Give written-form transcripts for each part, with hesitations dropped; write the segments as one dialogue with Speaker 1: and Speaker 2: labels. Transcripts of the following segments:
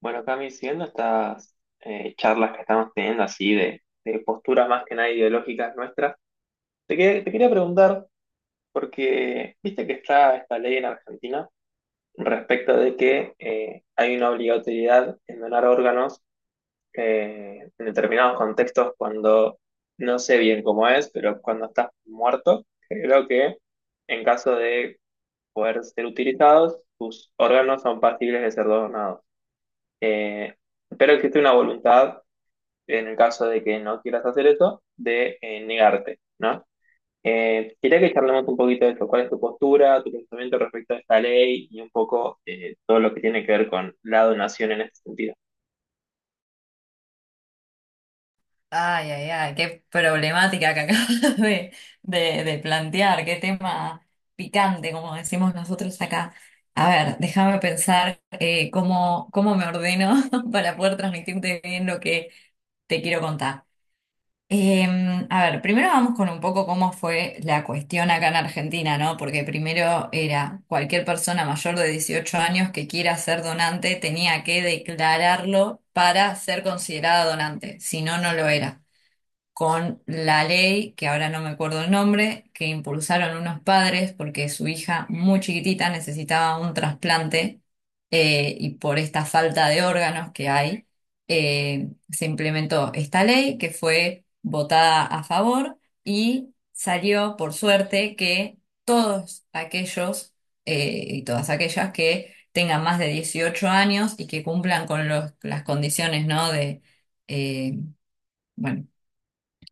Speaker 1: Bueno, Cami, siguiendo estas charlas que estamos teniendo así de posturas más que nada ideológicas nuestras, te quería preguntar, porque viste que está esta ley en Argentina respecto de que hay una obligatoriedad en donar órganos en determinados contextos cuando, no sé bien cómo es, pero cuando estás muerto, creo que en caso de poder ser utilizados, tus órganos son pasibles de ser donados. Eh, Espero que esté una voluntad en el caso de que no quieras hacer eso, de negarte, ¿no? Quería que charlemos un poquito de esto, cuál es tu postura, tu pensamiento respecto a esta ley y un poco todo lo que tiene que ver con la donación en este sentido.
Speaker 2: Ay, ay, ay, qué problemática que acabas de, de plantear. Qué tema picante, como decimos nosotros acá. A ver, déjame pensar cómo, cómo me ordeno para poder transmitirte bien lo que te quiero contar. Eh, a ver, primero vamos con un poco cómo fue la cuestión acá en Argentina, ¿no? Porque primero era cualquier persona mayor de 18 años que quiera ser donante tenía que declararlo para ser considerada donante, si no, no lo era con la ley, que ahora no me acuerdo el nombre, que impulsaron unos padres porque su hija muy chiquitita necesitaba un trasplante, y por esta falta de órganos que hay, se implementó esta ley que fue votada a favor y salió, por suerte, que todos aquellos y todas aquellas que tengan más de 18 años y que cumplan con las condiciones, ¿no? De, eh, bueno,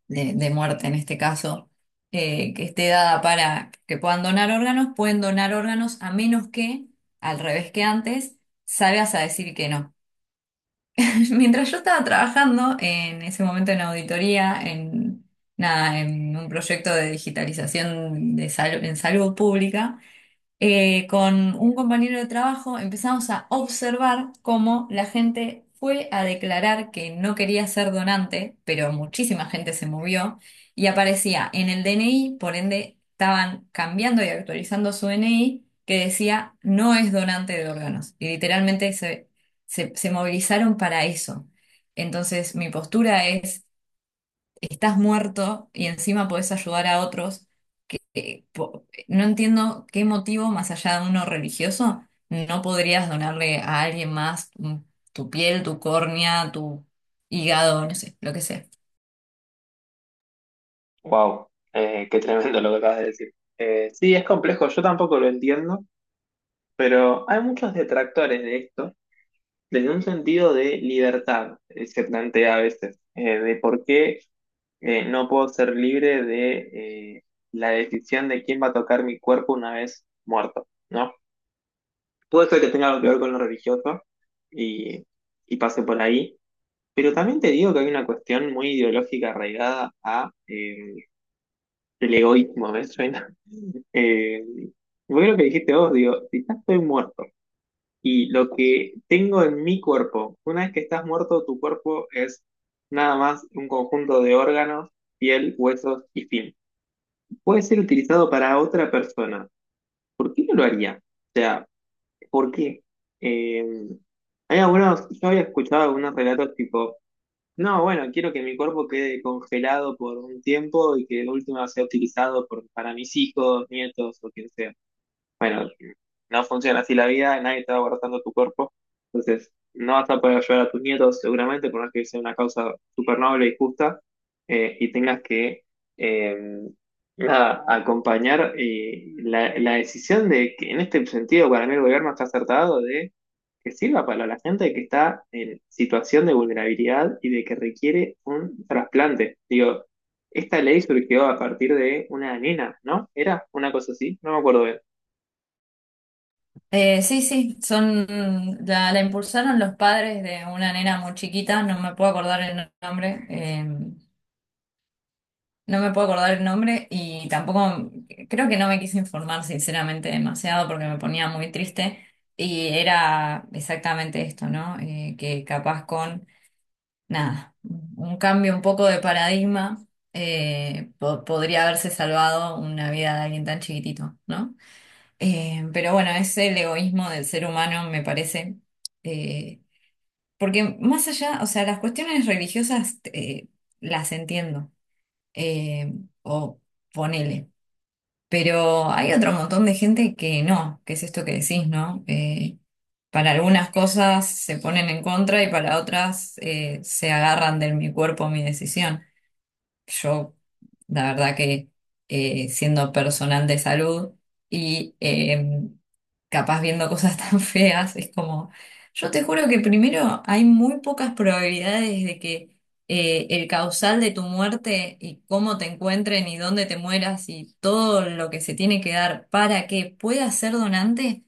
Speaker 2: de muerte en este caso, que esté dada para que puedan donar órganos, pueden donar órganos a menos que, al revés que antes, salgas a decir que no. Mientras yo estaba trabajando en ese momento en auditoría, en, nada, en un proyecto de digitalización de en salud pública, con un compañero de trabajo empezamos a observar cómo la gente fue a declarar que no quería ser donante, pero muchísima gente se movió y aparecía en el DNI, por ende estaban cambiando y actualizando su DNI que decía no es donante de órganos. Y literalmente se, se movilizaron para eso. Entonces, mi postura es: estás muerto y encima podés ayudar a otros. No entiendo qué motivo, más allá de uno religioso, no podrías donarle a alguien más tu piel, tu córnea, tu hígado, no sé, lo que sea.
Speaker 1: Wow, qué tremendo lo que acabas de decir. Sí, es complejo, yo tampoco lo entiendo, pero hay muchos detractores de esto desde un sentido de libertad, se plantea a veces, de por qué no puedo ser libre de la decisión de quién va a tocar mi cuerpo una vez muerto, ¿no? Puede ser que tenga algo que ver con lo religioso y, y pase por ahí, pero también te digo que hay una cuestión muy ideológica arraigada a el egoísmo, ¿me suena? Eh, bueno, lo que dijiste vos, digo, si ya estoy muerto y lo que tengo en mi cuerpo, una vez que estás muerto, tu cuerpo es nada más un conjunto de órganos, piel, huesos y fin. Puede ser utilizado para otra persona. ¿Por qué no lo haría? O sea, ¿por qué? Eh, Hay algunos, yo había escuchado algunos relatos tipo, no, bueno, quiero que mi cuerpo quede congelado por un tiempo y que de última sea utilizado para mis hijos, nietos o quien sea. Bueno, no funciona así la vida, nadie te va abrazando tu cuerpo, entonces no vas a poder ayudar a tus nietos seguramente, por más que sea una causa súper noble y justa, y tengas que eh, nada, acompañar la decisión de que en este sentido para mí el gobierno está acertado de que sirva para la gente que está en situación de vulnerabilidad y de que requiere un trasplante. Digo, esta ley surgió a partir de una nena, ¿no? ¿Era una cosa así? No me acuerdo bien.
Speaker 2: Sí, sí, son, la impulsaron los padres de una nena muy chiquita, no me puedo acordar el nombre. No me puedo acordar el nombre y tampoco, creo que no me quise informar sinceramente demasiado porque me ponía muy triste y era exactamente esto, ¿no? Que capaz con, nada, un cambio un poco de paradigma, podría haberse salvado una vida de alguien tan chiquitito, ¿no? Pero bueno, es el egoísmo del ser humano, me parece. eh, Porque más allá, o sea, las cuestiones religiosas las entiendo, eh, o ponele. Pero hay otro montón de gente que no, que es esto que decís, ¿no? Para algunas cosas se ponen en contra y para otras, se agarran del mi cuerpo, mi decisión. Yo, la verdad que, siendo personal de salud y, capaz viendo cosas tan feas, es como, yo te juro que primero hay muy pocas probabilidades de que, el causal de tu muerte y cómo te encuentren y dónde te mueras y todo lo que se tiene que dar para que puedas ser donante,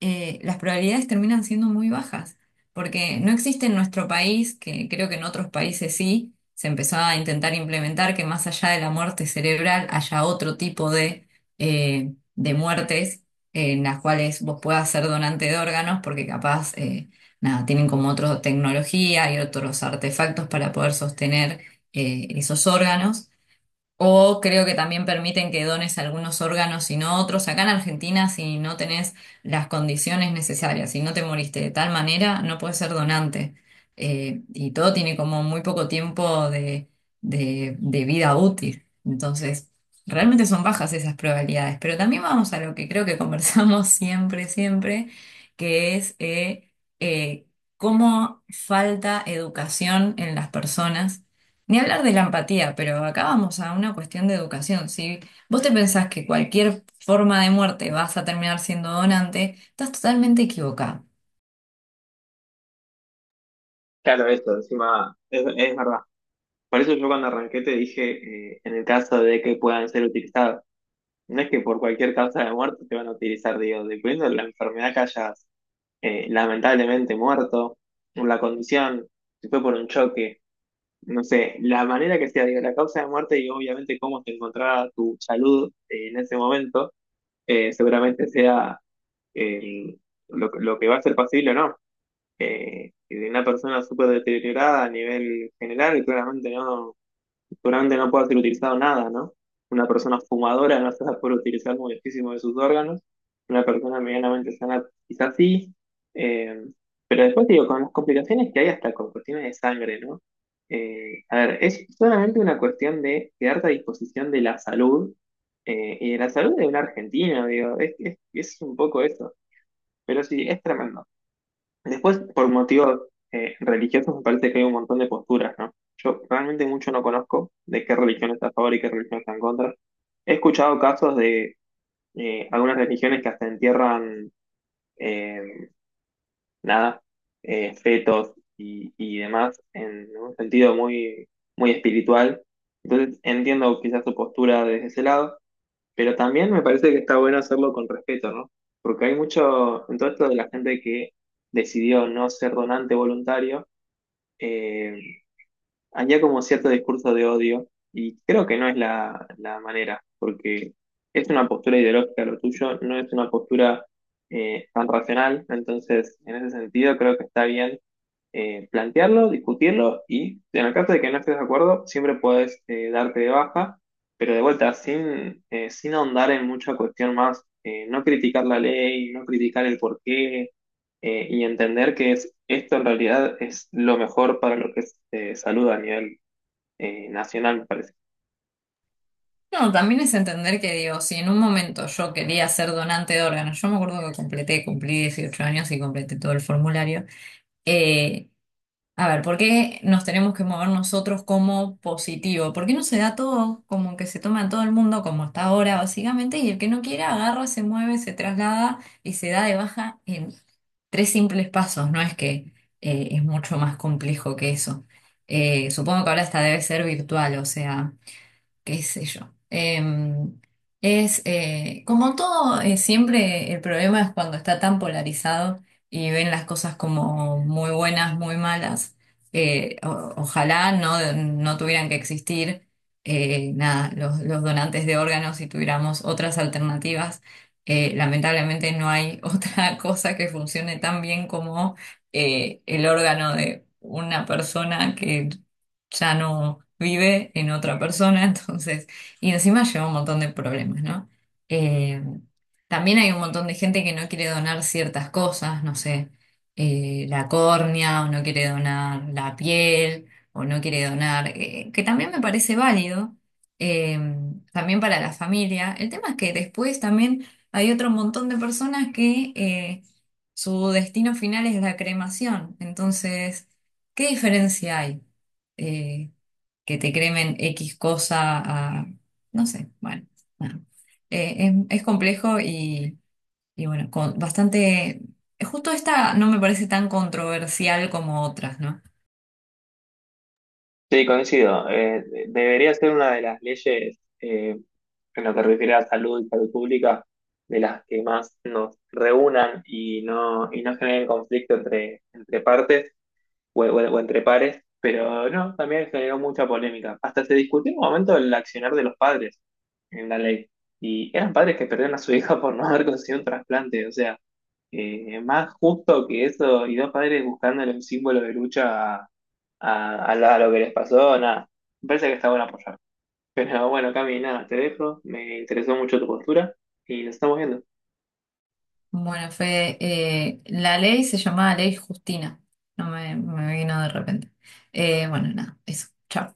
Speaker 2: las probabilidades terminan siendo muy bajas, porque no existe en nuestro país, que creo que en otros países sí, se empezó a intentar implementar que más allá de la muerte cerebral haya otro tipo de muertes en las cuales vos puedas ser donante de órganos, porque capaz, nada, tienen como otra tecnología y otros artefactos para poder sostener esos órganos. O creo que también permiten que dones algunos órganos y no otros. Acá en Argentina, si no tenés las condiciones necesarias, si no te moriste de tal manera, no puedes ser donante. Y todo tiene como muy poco tiempo de, de vida útil. Entonces, realmente son bajas esas probabilidades. Pero también vamos a lo que creo que conversamos siempre, siempre, que es eh, cómo falta educación en las personas, ni hablar de la empatía, pero acá vamos a una cuestión de educación. Si vos te pensás que cualquier forma de muerte vas a terminar siendo donante, estás totalmente equivocado.
Speaker 1: Claro, eso, encima, es verdad. Por eso yo cuando arranqué te dije, en el caso de que puedan ser utilizados, no es que por cualquier causa de muerte te van a utilizar, digo, dependiendo de la enfermedad que hayas lamentablemente muerto, o la condición, si fue por un choque, no sé, la manera que sea, digo, la causa de muerte y obviamente cómo te encontraba tu salud en ese momento, seguramente sea eh, lo que va a ser posible o no y de una persona súper deteriorada a nivel general, claramente no, seguramente no puede ser utilizado nada, ¿no? Una persona fumadora no se va a poder utilizar muchísimo de sus órganos, una persona medianamente sana quizás sí, eh, pero después te digo, con las complicaciones que hay hasta con cuestiones de sangre, ¿no? A ver, es solamente una cuestión de quedarte a disposición de la salud y de la salud de un argentino, digo, es un poco eso, pero sí, es tremendo. Después, por motivos religiosos, me parece que hay un montón de posturas, ¿no? Yo realmente mucho no conozco de qué religión está a favor y qué religión está en contra. He escuchado casos de algunas religiones que hasta entierran, eh, nada, fetos y demás en un sentido muy, muy espiritual. Entonces, entiendo quizás su postura desde ese lado. Pero también me parece que está bueno hacerlo con respeto, ¿no? Porque hay mucho, en todo esto de la gente que decidió no ser donante voluntario, eh, había como cierto discurso de odio y creo que no es la manera, porque es una postura ideológica lo tuyo, no es una postura tan racional, entonces en ese sentido creo que está bien plantearlo, discutirlo y en el caso de que no estés de acuerdo, siempre puedes darte de baja, pero de vuelta, sin ahondar en mucha cuestión más, no criticar la ley, no criticar el porqué y entender que esto en realidad es lo mejor para lo que es salud a nivel nacional, me parece.
Speaker 2: No, también es entender que, digo, si en un momento yo quería ser donante de órganos, yo me acuerdo que completé, cumplí 18 años y completé todo el formulario. eh, A ver, ¿por qué nos tenemos que mover nosotros como positivo? ¿Por qué no se da todo como que se toma en todo el mundo como está ahora, básicamente? Y el que no quiera agarra, se mueve, se traslada y se da de baja en tres simples pasos. No es que, es mucho más complejo que eso. Supongo que ahora esta debe ser virtual, o sea, qué sé yo. Es como todo, siempre el problema es cuando está tan polarizado y ven las cosas como muy buenas, muy malas. Ojalá no, no tuvieran que existir, nada, los donantes de órganos y tuviéramos otras alternativas. Lamentablemente no hay otra cosa que funcione tan bien como el órgano de una persona que ya no vive en otra persona, entonces, y encima lleva un montón de problemas, ¿no? Eh, también hay un montón de gente que no quiere donar ciertas cosas, no sé, la córnea, o no quiere donar la piel, o no quiere donar, que también me parece válido, eh, también para la familia. El tema es que después también hay otro montón de personas que, su destino final es la cremación, entonces, ¿qué diferencia hay? eh, que te cremen X cosa a, no sé, bueno, nada. Es complejo y bueno, con bastante, justo esta no me parece tan controversial como otras, ¿no?
Speaker 1: Sí, coincido. Debería ser una de las leyes en lo que refiere a salud y salud pública, de las que más nos reúnan y no generen conflicto entre partes o entre pares, pero no, también generó mucha polémica. Hasta se discutió en un momento el accionar de los padres en la ley. Y eran padres que perdieron a su hija por no haber conseguido un trasplante. O sea, más justo que eso, y dos padres buscándole un símbolo de lucha a lo que les pasó, nada. Me parece que está bueno apoyar. Pero bueno, Cami, nada, te dejo. Me interesó mucho tu postura y nos estamos viendo.
Speaker 2: Bueno, Fede, la ley se llamaba Ley Justina, no me, me vino de repente. Bueno, nada, eso, chao.